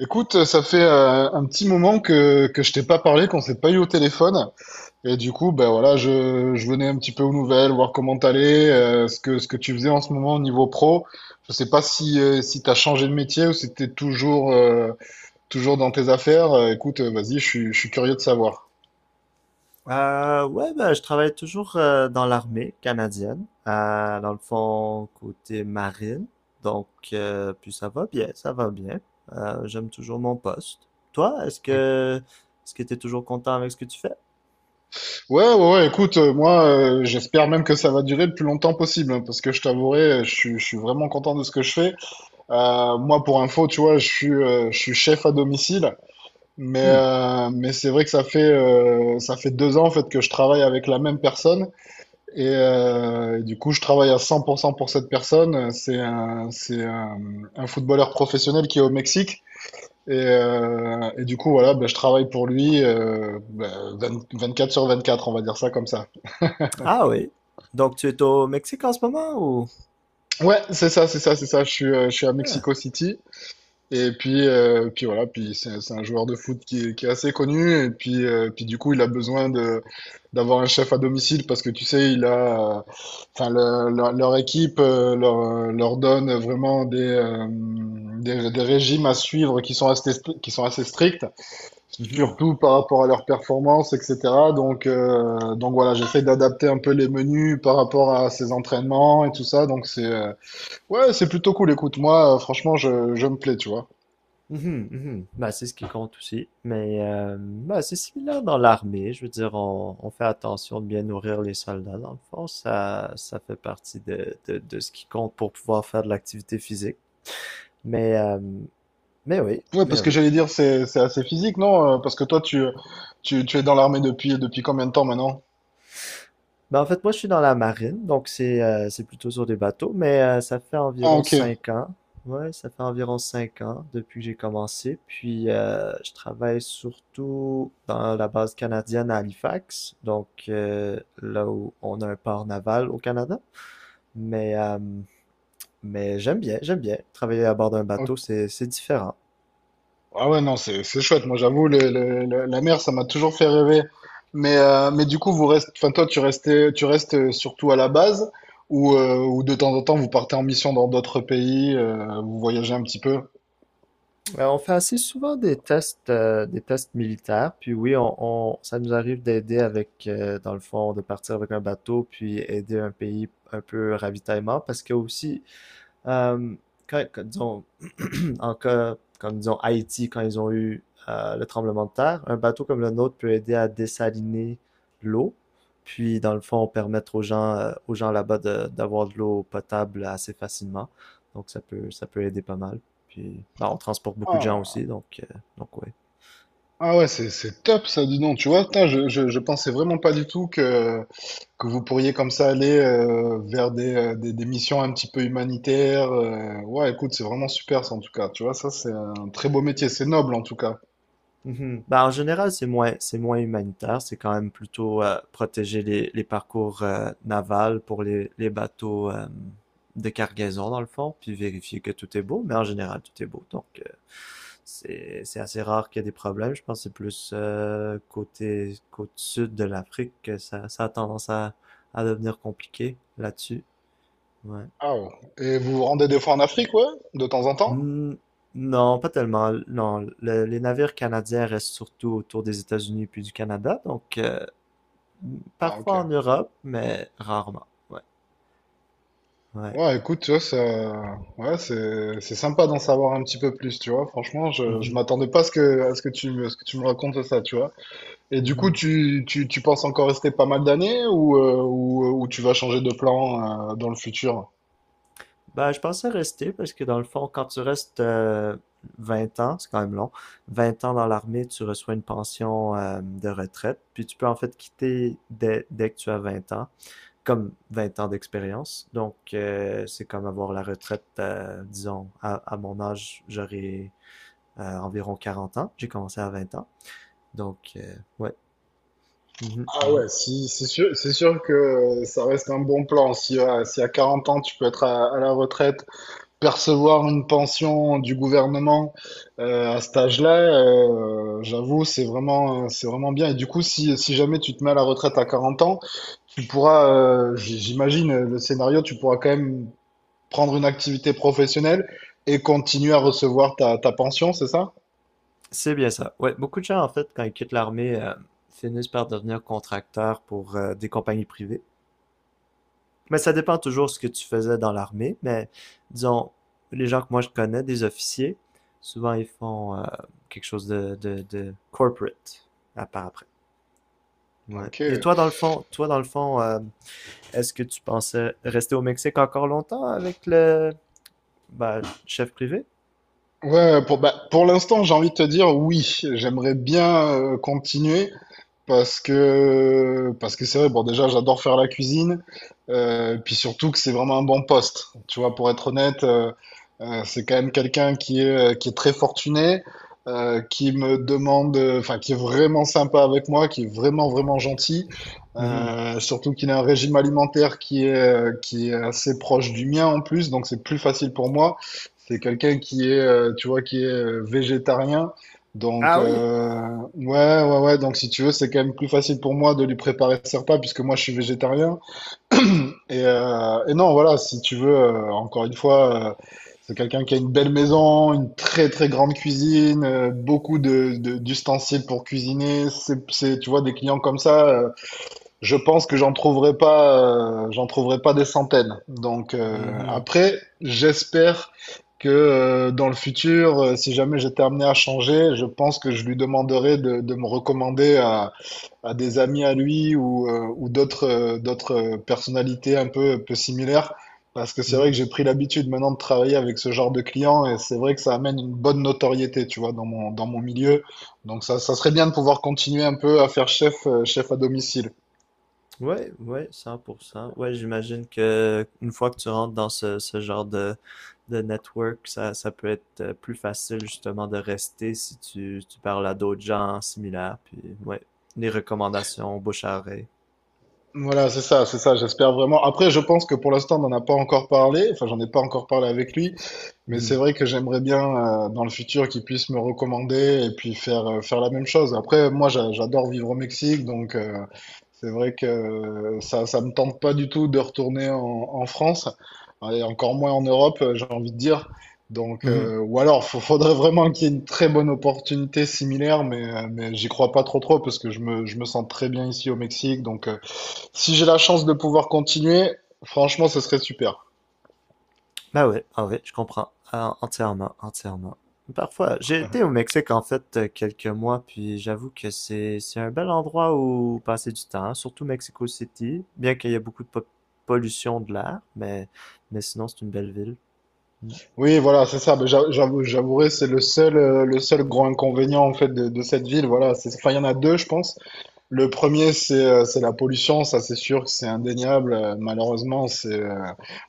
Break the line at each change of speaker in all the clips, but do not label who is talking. Écoute, ça fait un petit moment que je t'ai pas parlé, qu'on s'est pas eu au téléphone. Et du coup, ben voilà, je venais un petit peu aux nouvelles, voir comment t'allais, ce que tu faisais en ce moment au niveau pro. Je sais pas si, si t'as changé de métier ou si t'es toujours, toujours dans tes affaires. Écoute, vas-y, je suis curieux de savoir.
Ouais, ben, je travaille toujours dans l'armée canadienne, dans le fond, côté marine. Donc, puis ça va bien, ça va bien. J'aime toujours mon poste. Toi, est-ce
Ouais,
que est-ce que t'es toujours content avec ce que tu fais?
ouais, ouais, écoute, moi, j'espère même que ça va durer le plus longtemps possible, hein, parce que je t'avouerai, je suis vraiment content de ce que je fais. Moi, pour info, tu vois, je suis chef à domicile.
Hmm.
Mais c'est vrai que ça fait 2 ans en fait que je travaille avec la même personne et du coup je travaille à 100% pour cent pour cette personne. C'est un footballeur professionnel qui est au Mexique et du coup voilà, ben, je travaille pour lui 20 24 sur 24, on va dire ça comme ça.
Ah oui. Donc, tu es au Mexique en ce moment ou?
Ouais, c'est ça, c'est ça, c'est ça. Je suis à
Ah.
Mexico City. Et puis, puis voilà, puis c'est un joueur de foot qui est assez connu. Et puis, puis du coup, il a besoin de d'avoir un chef à domicile parce que tu sais, il a, enfin, leur équipe leur donne vraiment des, des régimes à suivre qui sont assez stricts,
Mhm.
surtout par rapport à leur performance, etc. Donc voilà, j'essaie d'adapter un peu les menus par rapport à ses entraînements et tout ça. Donc c'est ouais, c'est plutôt cool. Écoute, moi, franchement, je me plais, tu vois.
Mhm, mhm. Bah, c'est ce qui compte aussi. Mais bah, c'est similaire dans l'armée. Je veux dire, on fait attention de bien nourrir les soldats. Dans le fond, ça fait partie de ce qui compte pour pouvoir faire de l'activité physique. Mais, euh, mais oui,
Ouais,
mais
parce que
oui.
j'allais dire, c'est assez physique, non? Parce que toi, tu es dans l'armée depuis combien de temps maintenant?
Ben, en fait, moi, je suis dans la marine, donc c'est plutôt sur des bateaux, mais ça fait
Ah,
environ
ok.
cinq ans. Ouais, ça fait environ cinq ans depuis que j'ai commencé. Puis, je travaille surtout dans la base canadienne à Halifax, donc là où on a un port naval au Canada. Mais, euh, mais j'aime bien, j'aime bien. Travailler à bord d'un bateau,
Ok.
c'est différent.
Ah ouais, non, c'est chouette. Moi, j'avoue, la mer, ça m'a toujours fait rêver. Mais du coup, vous restez, enfin, toi, tu restes surtout à la base ou de temps en temps, vous partez en mission dans d'autres pays, vous voyagez un petit peu?
Ouais, on fait assez souvent des tests militaires, puis oui, ça nous arrive d'aider avec, dans le fond, de partir avec un bateau, puis aider un pays un peu ravitaillement, parce que aussi, euh, disons, en cas comme disons Haïti quand ils ont eu le tremblement de terre, un bateau comme le nôtre peut aider à dessaliner l'eau. Puis, dans le fond, permettre aux gens là-bas d'avoir de l'eau potable assez facilement. Donc, ça peut aider pas mal. Puis, ben, on transporte beaucoup de gens
Ah.
aussi. Donc, ouais.
Ah ouais, c'est top ça, dis donc. Tu vois, putain, je pensais vraiment pas du tout que vous pourriez comme ça aller vers des, des missions un petit peu humanitaires. Ouais, écoute, c'est vraiment super ça en tout cas. Tu vois, ça c'est un très beau métier, c'est noble en tout cas.
Mhm. Ben, en général, c'est moins humanitaire. C'est quand même plutôt protéger les parcours navals pour les bateaux de cargaison, dans le fond, puis vérifier que tout est beau. Mais en général, tout est beau. Donc, c'est assez rare qu'il y ait des problèmes. Je pense que c'est plus côté côte sud de l'Afrique que ça a tendance à devenir compliqué là-dessus. Ouais.
Ah ouais. Et vous vous rendez des fois en Afrique, ouais, de temps en temps?
Hmm, non, pas tellement. Non, les navires canadiens restent surtout autour des États-Unis puis du Canada, donc
Ah ok.
parfois en Europe, mais rarement. Ouais, ouais.
Ouais, écoute, tu vois, ça, ouais, c'est sympa d'en savoir un petit peu plus, tu vois. Franchement, je
Mhm,
m'attendais pas à ce que, à ce que tu me, à ce que tu me racontes ça, tu vois. Et du coup,
mhm.
tu penses encore rester pas mal d'années ou, ou tu vas changer de plan dans le futur?
Ben, je pensais rester parce que dans le fond, quand tu restes 20 ans, c'est quand même long. 20 ans dans l'armée, tu reçois une pension de retraite, puis tu peux en fait quitter dès que tu as 20 ans, comme 20 ans d'expérience. Donc, c'est comme avoir la retraite, disons, à mon âge, j'aurais environ 40 ans. J'ai commencé à 20 ans. Donc, ouais. Mhm,
Ah
mhm.
ouais, si, c'est sûr que ça reste un bon plan. Si à 40 ans, tu peux être à la retraite, percevoir une pension du gouvernement à cet âge-là, j'avoue, c'est vraiment bien. Et du coup, si jamais tu te mets à la retraite à 40 ans, tu pourras, j'imagine, le scénario, tu pourras quand même prendre une activité professionnelle et continuer à recevoir ta pension, c'est ça?
C'est bien ça. Ouais, beaucoup de gens, en fait, quand ils quittent l'armée, finissent par devenir contracteurs pour des compagnies privées. Mais ça dépend toujours ce que tu faisais dans l'armée. Mais disons, les gens que moi je connais, des officiers, souvent ils font quelque chose de corporate à part après. Ouais.
Ok.
Et toi, dans le fond, toi, dans le fond, est-ce que tu pensais rester au Mexique encore longtemps avec le bah, chef privé?
Ouais, ouais, pour, bah, pour l'instant, j'ai envie de te dire oui, j'aimerais bien continuer parce que c'est vrai, bon déjà j'adore faire la cuisine, puis surtout que c'est vraiment un bon poste. Tu vois, pour être honnête, c'est quand même quelqu'un qui est très fortuné, qui me demande, enfin qui est vraiment sympa avec moi, qui est vraiment vraiment gentil,
Mhm.
surtout qu'il a un régime alimentaire qui est assez proche du mien en plus, donc c'est plus facile pour moi. C'est quelqu'un qui est, tu vois, qui est végétarien. Donc,
Ah oui?
ouais, ouais, ouais. Donc, si tu veux, c'est quand même plus facile pour moi de lui préparer ses repas puisque moi, je suis végétarien. Et non, voilà, si tu veux, encore une fois, c'est quelqu'un qui a une belle maison, une très, très grande cuisine, beaucoup de, d'ustensiles pour cuisiner. C'est, tu vois, des clients comme ça, je pense que j'en trouverai pas des centaines. Donc
Mhm.
après, j'espère que dans le futur, si jamais j'étais amené à changer, je pense que je lui demanderai de me recommander à des amis à lui ou d'autres personnalités un peu, peu similaires. Parce que c'est vrai
Mhm.
que j'ai pris l'habitude maintenant de travailler avec ce genre de clients et c'est vrai que ça amène une bonne notoriété, tu vois, dans mon milieu. Donc ça serait bien de pouvoir continuer un peu à faire chef, chef à domicile.
Ouais, ouais, 100%. Ouais, j'imagine que une fois que tu rentres dans ce genre de network, ça peut être plus facile justement de rester si tu parles à d'autres gens similaires. Puis, ouais, les recommandations bouche à oreille.
Voilà, c'est ça, j'espère vraiment. Après, je pense que pour l'instant, on n'en a pas encore parlé, enfin, j'en ai pas encore parlé avec lui, mais c'est
Mhm.
vrai que j'aimerais bien, dans le futur, qu'il puisse me recommander et puis faire, faire la même chose. Après, moi, j'adore vivre au Mexique, donc c'est vrai que ça me tente pas du tout de retourner en France, et encore moins en Europe, j'ai envie de dire. Donc,
Mhm.
ou alors, il faudrait vraiment qu'il y ait une très bonne opportunité similaire, mais j'y crois pas trop trop, parce que je me sens très bien ici au Mexique, donc si j'ai la chance de pouvoir continuer, franchement, ce serait super.
Bah oui, ah oui, je comprends. Ah, entièrement, entièrement. Parfois, j'ai été au Mexique en fait quelques mois, puis j'avoue que c'est un bel endroit où passer du temps, hein, surtout Mexico City, bien qu'il y ait beaucoup de pollution de l'air, mais sinon c'est une belle ville. Mm.
Oui, voilà, c'est ça. Mais j'avouerai, c'est le seul grand inconvénient en fait de cette ville. Voilà, c'est, enfin, il y en a deux, je pense. Le premier, c'est la pollution. Ça, c'est sûr que c'est indéniable. Malheureusement, c'est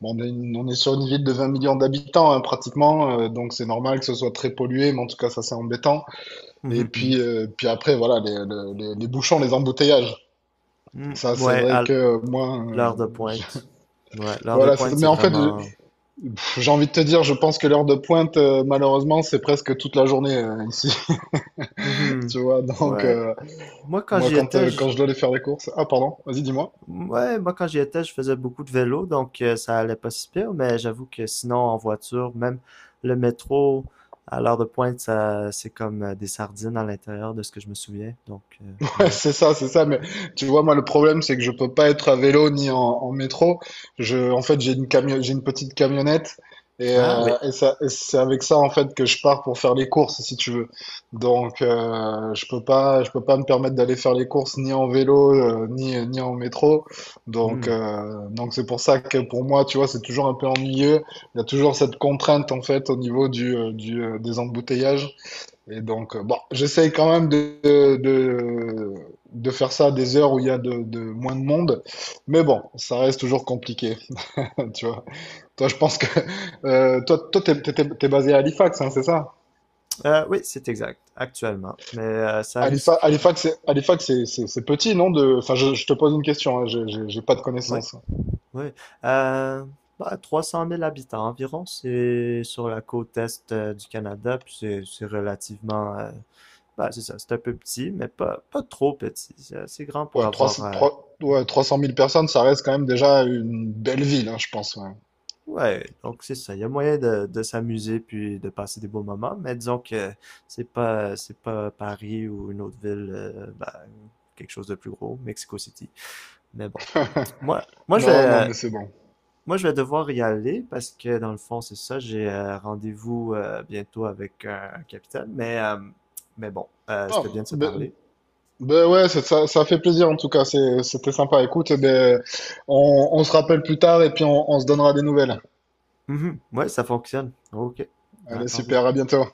bon, on est, on est sur une ville de 20 millions d'habitants hein, pratiquement, donc c'est normal que ce soit très pollué. Mais en tout cas, ça, c'est embêtant. Et
Mhm, mhm.
puis, puis après, voilà, les bouchons, les embouteillages.
Mm.
Ça, c'est
Ouais, à
vrai que moi,
l'heure de pointe. Ouais, l'heure de
voilà.
pointe
Mais
c'est
en fait,
vraiment.
J'ai envie de te dire, je pense que l'heure de pointe, malheureusement, c'est presque toute la journée ici,
Mhm.
tu vois. Donc,
Ouais, moi quand
moi,
j'y
quand,
étais,
euh, quand
j-
je dois aller faire les courses... Ah, pardon, vas-y, dis-moi.
Ouais, moi quand j'y étais, je faisais beaucoup de vélo, donc ça allait pas si pire, mais j'avoue que sinon en voiture, même le métro à l'heure de pointe, ça c'est comme des sardines à l'intérieur de ce que je me souviens. Donc
Ouais,
ouais.
c'est ça, c'est ça. Mais tu vois, moi, le problème, c'est que je peux pas être à vélo ni en métro. En fait, j'ai une petite camionnette et,
Ah oui.
et c'est avec ça en fait que je pars pour faire les courses, si tu veux. Donc, je peux pas me permettre d'aller faire les courses ni en vélo ni en métro.
Hmm.
Donc c'est pour ça que pour moi, tu vois, c'est toujours un peu ennuyeux. Il y a toujours cette contrainte en fait au niveau du des embouteillages. Et donc, bon, j'essaye quand même de faire ça à des heures où il y a de moins de monde. Mais bon, ça reste toujours compliqué. Tu vois. Toi, je pense que toi, t'es basé à Halifax, hein, c'est ça?
Oui, c'est exact, actuellement. Mais ça
Halifa-
risque.
Halifax, c'est Halifax, c'est petit, non? De... Enfin, je te pose une question, hein, j'ai pas de
Oui,
connaissances.
oui. Euh, Bah, 300 000 habitants environ, c'est sur la côte est du Canada, puis c'est relativement bah, c'est ça, c'est un peu petit, mais pas trop petit. C'est assez grand pour
Ouais,
avoir
300,
euh,
trois- ouais, 300 000 personnes, ça reste quand même déjà une belle ville, hein, je pense. Ouais.
Ouais, donc c'est ça. Il y a moyen de s'amuser puis de passer des beaux moments, mais disons que c'est pas Paris ou une autre ville, bah, quelque chose de plus gros, Mexico City. Mais bon, moi moi je
Non, non,
vais
mais c'est bon.
moi je vais devoir y aller parce que dans le fond c'est ça. J'ai rendez-vous bientôt avec un capitaine, mais bon,
Ah,
c'était bien de se
mais
parler.
ben ouais, ça fait plaisir en tout cas, c'était sympa. Écoute, eh ben, on se rappelle plus tard et puis on se donnera des nouvelles.
Mhm. Ouais, ça fonctionne. Ok, à
Allez,
tantôt.
super, à bientôt.